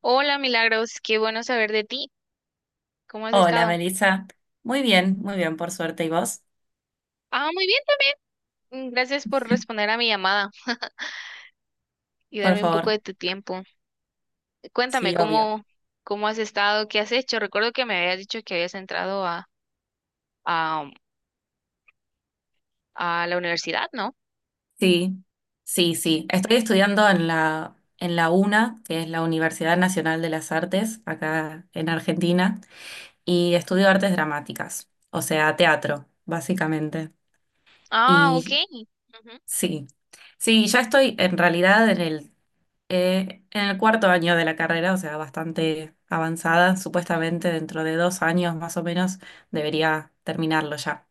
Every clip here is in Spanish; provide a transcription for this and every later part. Hola, Milagros, qué bueno saber de ti. ¿Cómo has Hola, estado? Melissa. Muy bien, por suerte. ¿Y vos? Ah, muy bien también. Gracias por responder a mi llamada y Por darme un poco favor. de tu tiempo. Cuéntame Sí, obvio. cómo, cómo has estado, qué has hecho. Recuerdo que me habías dicho que habías entrado a, a la universidad, ¿no? Sí, sí. Estoy estudiando en la UNA, que es la Universidad Nacional de las Artes, acá en Argentina, y estudio artes dramáticas, o sea, teatro, básicamente. Ah, ok. Y Ujú. sí, sí, ya estoy en realidad en en el cuarto año de la carrera, o sea, bastante avanzada. Supuestamente dentro de dos años más o menos debería terminarlo ya.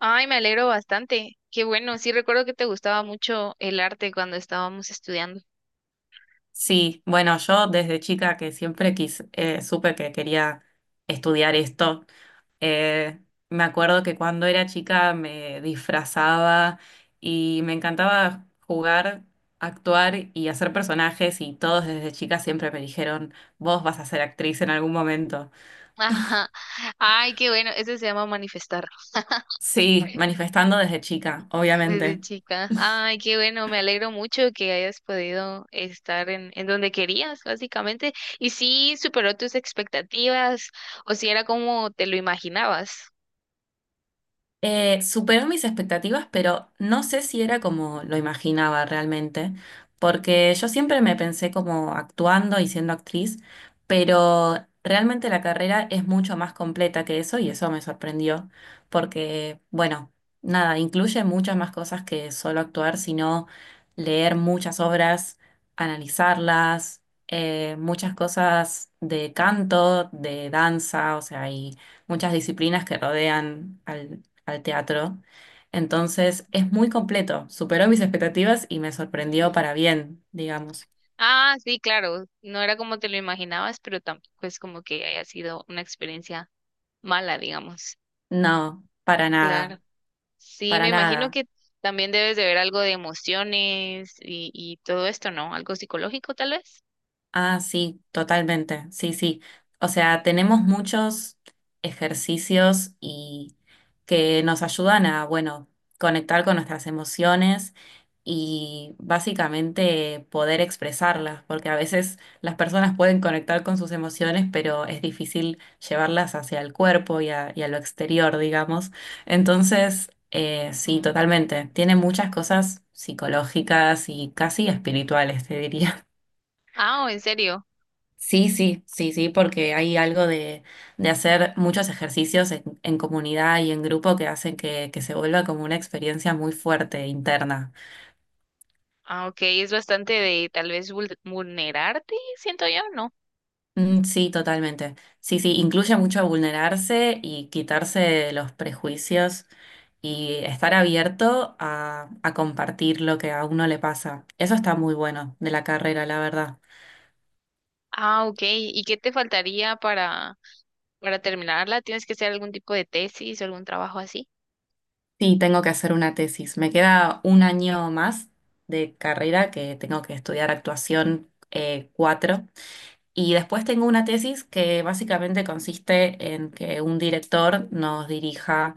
Ay, me alegro bastante. Qué bueno. Sí, recuerdo que te gustaba mucho el arte cuando estábamos estudiando. Sí, bueno, yo desde chica que siempre supe que quería estudiar esto, eh, me acuerdo que cuando era chica me disfrazaba y me encantaba jugar, actuar y hacer personajes y todos desde chica siempre me dijeron, vos vas a ser actriz en algún momento. Ajá. Ay, qué bueno. Eso se llama manifestar. Sí, manifestando desde chica, Desde obviamente. chica. Ay, qué bueno, me alegro mucho que hayas podido estar en donde querías, básicamente. Y si superó tus expectativas o si era como te lo imaginabas. Superó mis expectativas, pero no sé si era como lo imaginaba realmente, porque Ujú. yo siempre me pensé como actuando y siendo actriz, pero realmente la carrera es mucho más completa que eso y eso me sorprendió, porque, bueno, nada, incluye muchas más cosas que solo actuar, sino leer muchas obras, analizarlas, muchas cosas de canto, de danza, o sea, y muchas disciplinas que rodean al teatro. Entonces es muy completo, superó mis expectativas y me sorprendió para bien, digamos. Ah, sí, claro, no era como te lo imaginabas, pero tampoco es como que haya sido una experiencia mala, digamos. No, para Claro. nada, Sí, me para imagino nada. que también debes de ver algo de emociones y todo esto, ¿no? Algo psicológico, tal vez. Ah, sí, totalmente. Sí, sí. O sea, tenemos muchos ejercicios y que nos ayudan a, bueno, conectar con nuestras emociones y básicamente poder expresarlas, porque a veces las personas pueden conectar con sus emociones, pero es difícil llevarlas hacia el cuerpo y a lo exterior, digamos. Entonces, sí, Ujú. totalmente. Tiene muchas cosas psicológicas y casi espirituales, te diría. Ah, ¿en serio? Sí, porque hay algo de hacer muchos ejercicios en comunidad y en grupo que hacen que se vuelva como una experiencia muy fuerte, interna. Ah, ok, es bastante de tal vez vulnerarte, siento yo, ¿no? Mm, sí, totalmente. Sí, sí, incluye mucho vulnerarse y quitarse los prejuicios y estar abierto a compartir lo que a uno le pasa. Eso está muy bueno de la carrera, la verdad. Ah, ok, ¿y qué te faltaría para terminarla? ¿Tienes que hacer algún tipo de tesis o algún trabajo así? Sí, tengo que hacer una tesis. Me queda un año más de carrera que tengo que estudiar actuación 4. Y después tengo una tesis que básicamente consiste en que un director nos dirija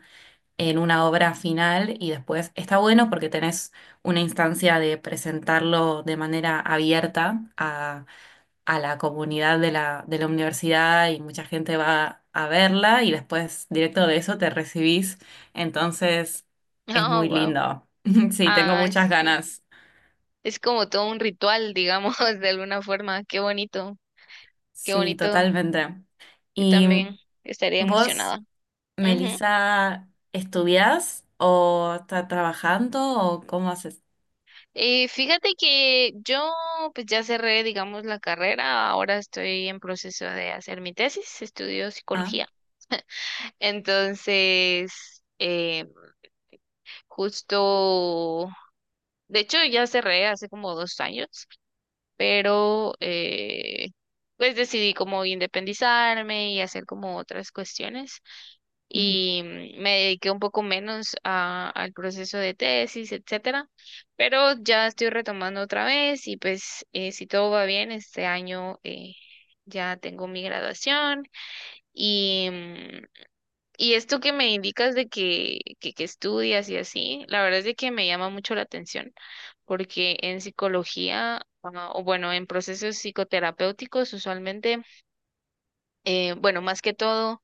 en una obra final y después está bueno porque tenés una instancia de presentarlo de manera abierta a la comunidad de de la universidad y mucha gente va a verla y después directo de eso te recibís. Entonces es Ah, muy wow. lindo. Sí, tengo Ah, muchas sí. ganas. Es como todo un ritual, digamos, de alguna forma. Qué bonito, qué Sí, bonito. totalmente. Yo ¿Y también estaría vos, emocionada. Ujú. Melissa, estudiás o estás trabajando o cómo haces? Fíjate que yo pues ya cerré, digamos, la carrera. Ahora estoy en proceso de hacer mi tesis. Estudio Ah, psicología. Entonces, justo, de hecho ya cerré hace como dos años, pero pues decidí como independizarme y hacer como otras cuestiones mm, y me dediqué un poco menos al proceso de tesis, etcétera, pero ya estoy retomando otra vez y pues si todo va bien, este año ya tengo mi graduación y... mm, y esto que me indicas de que estudias y así, la verdad es de que me llama mucho la atención, porque en psicología, ah, o bueno, en procesos psicoterapéuticos usualmente, bueno, más que todo,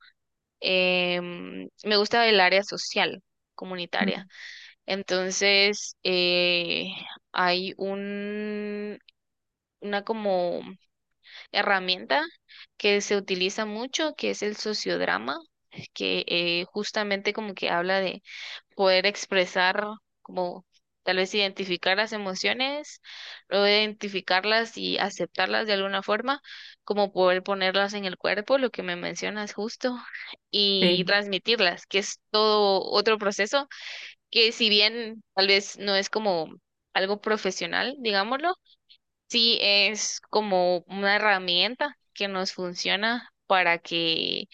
me gusta el área social, comunitaria. mm, Entonces, hay una como herramienta que se utiliza mucho, que es el sociodrama, que justamente como que habla de poder expresar, como tal vez identificar las emociones, luego identificarlas y aceptarlas de alguna forma, como poder ponerlas en el cuerpo, lo que me mencionas justo, y sí, transmitirlas, que es todo otro proceso que si bien tal vez no es como algo profesional, digámoslo, sí es como una herramienta que nos funciona para que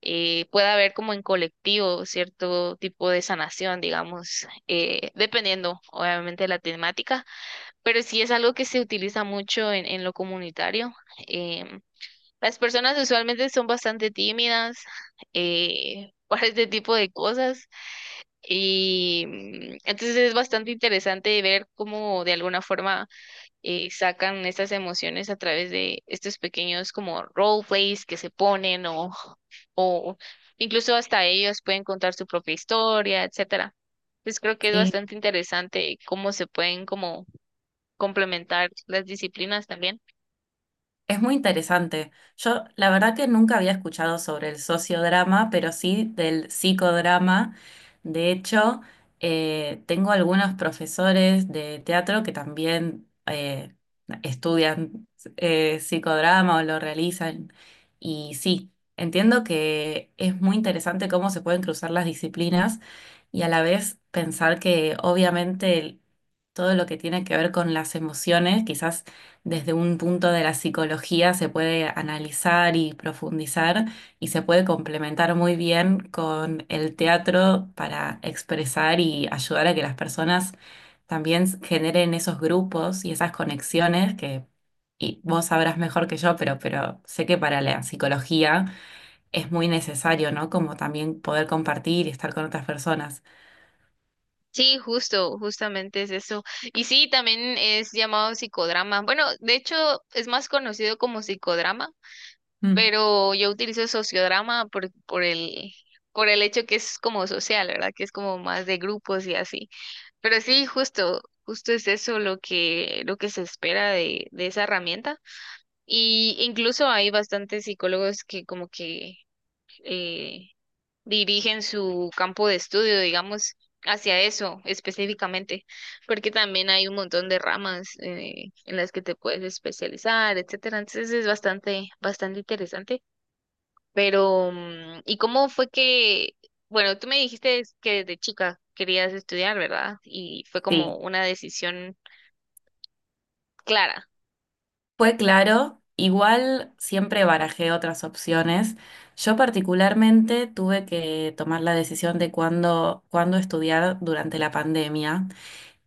pueda haber como en colectivo cierto tipo de sanación, digamos, dependiendo obviamente de la temática, pero sí es algo que se utiliza mucho en lo comunitario. Em, las personas usualmente son bastante tímidas para este tipo de cosas y entonces es bastante interesante ver cómo de alguna forma sacan estas emociones a través de estos pequeños como roleplays que se ponen o incluso hasta ellos pueden contar su propia historia, etcétera. Entonces creo que es sí. bastante interesante cómo se pueden como complementar las disciplinas también. Es muy interesante. Yo la verdad que nunca había escuchado sobre el sociodrama, pero sí del psicodrama. De hecho, tengo algunos profesores de teatro que también estudian psicodrama o lo realizan. Y sí, entiendo que es muy interesante cómo se pueden cruzar las disciplinas y a la vez pensar que obviamente todo lo que tiene que ver con las emociones, quizás desde un punto de la psicología se puede analizar y profundizar y se puede complementar muy bien con el teatro para expresar y ayudar a que las personas también generen esos grupos y esas conexiones que y vos sabrás mejor que yo, pero sé que para la psicología es muy necesario, ¿no? Como también poder compartir y estar con otras personas. Sí, justo, justamente es eso. Y sí, también es llamado psicodrama. Bueno, de hecho es más conocido como psicodrama, Mm. pero yo utilizo sociodrama por el hecho que es como social, ¿verdad? Que es como más de grupos y así. Pero sí, justo, justo es eso lo lo que se espera de esa herramienta. Y incluso hay bastantes psicólogos que como que eh, dirigen su campo de estudio, digamos, hacia eso específicamente, porque también hay un montón de ramas en las que te puedes especializar, etcétera. Entonces es bastante, bastante interesante. Pero, ¿y cómo fue que, bueno, tú me dijiste que desde chica querías estudiar, ¿verdad? Y fue como Sí, una decisión clara. fue claro, igual siempre barajé otras opciones. Yo particularmente tuve que tomar la decisión de cuándo, cuándo estudiar durante la pandemia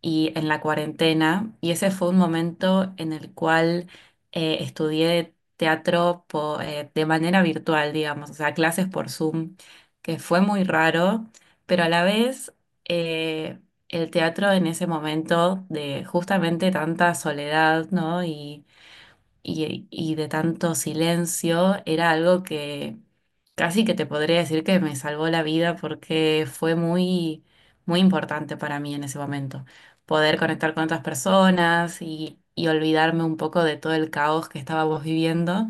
y en la cuarentena, y ese fue un momento en el cual estudié teatro de manera virtual, digamos, o sea, clases por Zoom, que fue muy raro, pero a la vez eh, el teatro en ese momento de justamente tanta soledad, ¿no? Y de tanto silencio, era algo que casi que te podría decir que me salvó la vida porque fue muy, muy importante para mí en ese momento. Poder conectar con otras personas y olvidarme un poco de todo el caos que estábamos viviendo.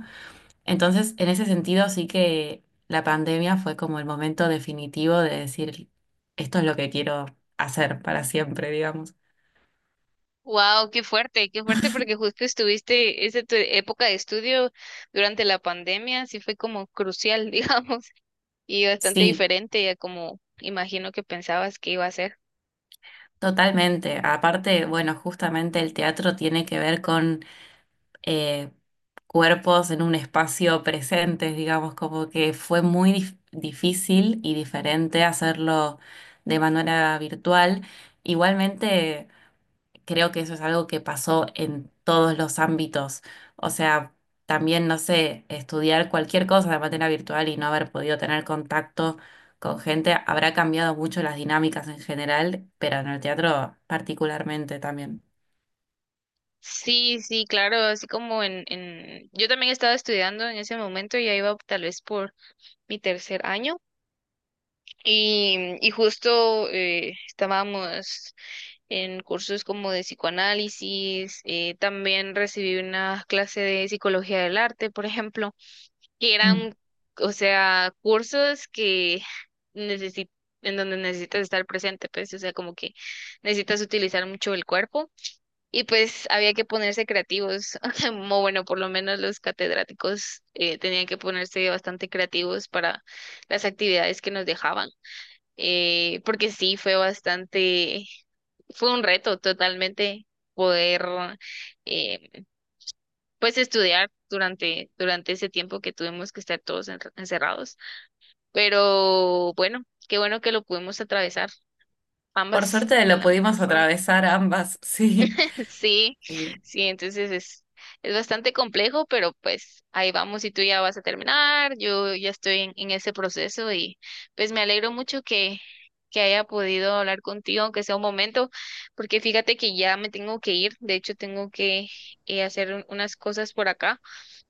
Entonces, en ese sentido, sí que la pandemia fue como el momento definitivo de decir, esto es lo que quiero hacer para siempre, digamos. Wow, qué fuerte, porque justo estuviste, esa tu época de estudio durante la pandemia, sí fue como crucial, digamos, y bastante Sí. diferente a como imagino que pensabas que iba a ser. Totalmente. Aparte, bueno, justamente el teatro tiene que ver con eh, cuerpos en un espacio presente, digamos, como que fue muy difícil y diferente hacerlo de manera virtual. Igualmente creo que eso es algo que pasó en todos los ámbitos. O sea, también, no sé, estudiar cualquier cosa de manera virtual y no haber podido tener contacto con gente habrá cambiado mucho las dinámicas en general, pero en el teatro particularmente también. Sí, sí, claro, así como yo también estaba estudiando en ese momento, ya iba tal vez por mi tercer año, y justo estábamos en cursos como de psicoanálisis, también recibí una clase de psicología del arte, por ejemplo, que Mm. eran, o sea, cursos que necesi- en donde necesitas estar presente, pues, o sea, como que necesitas utilizar mucho el cuerpo y pues había que ponerse creativos, o bueno, por lo menos los catedráticos tenían que ponerse bastante creativos para las actividades que nos dejaban, porque sí, fue bastante, fue un reto totalmente poder eh, pues estudiar durante ese tiempo que tuvimos que estar todos encerrados. Pero bueno, qué bueno que lo pudimos atravesar Por ambas suerte de lo la mejor pudimos forma. atravesar ambas, sí. Sí, Sí. sí, entonces es bastante complejo, pero pues ahí vamos y tú ya vas a terminar, yo ya estoy en ese proceso y pues me alegro mucho que haya podido hablar contigo, aunque sea un momento, porque fíjate que ya me tengo que ir, de hecho tengo que hacer unas cosas por acá,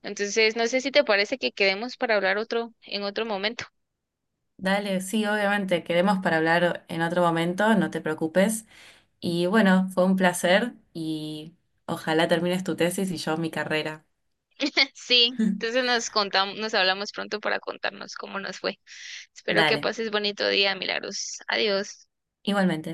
entonces no sé si te parece que quedemos para hablar otro en otro momento. Dale, sí, obviamente, quedemos para hablar en otro momento, no te preocupes. Y bueno, fue un placer y ojalá termines tu tesis y yo mi carrera. Sí, entonces nos contamos, nos hablamos pronto para contarnos cómo nos fue. Espero que Dale. pases bonito día, Milagros. Adiós. Igualmente.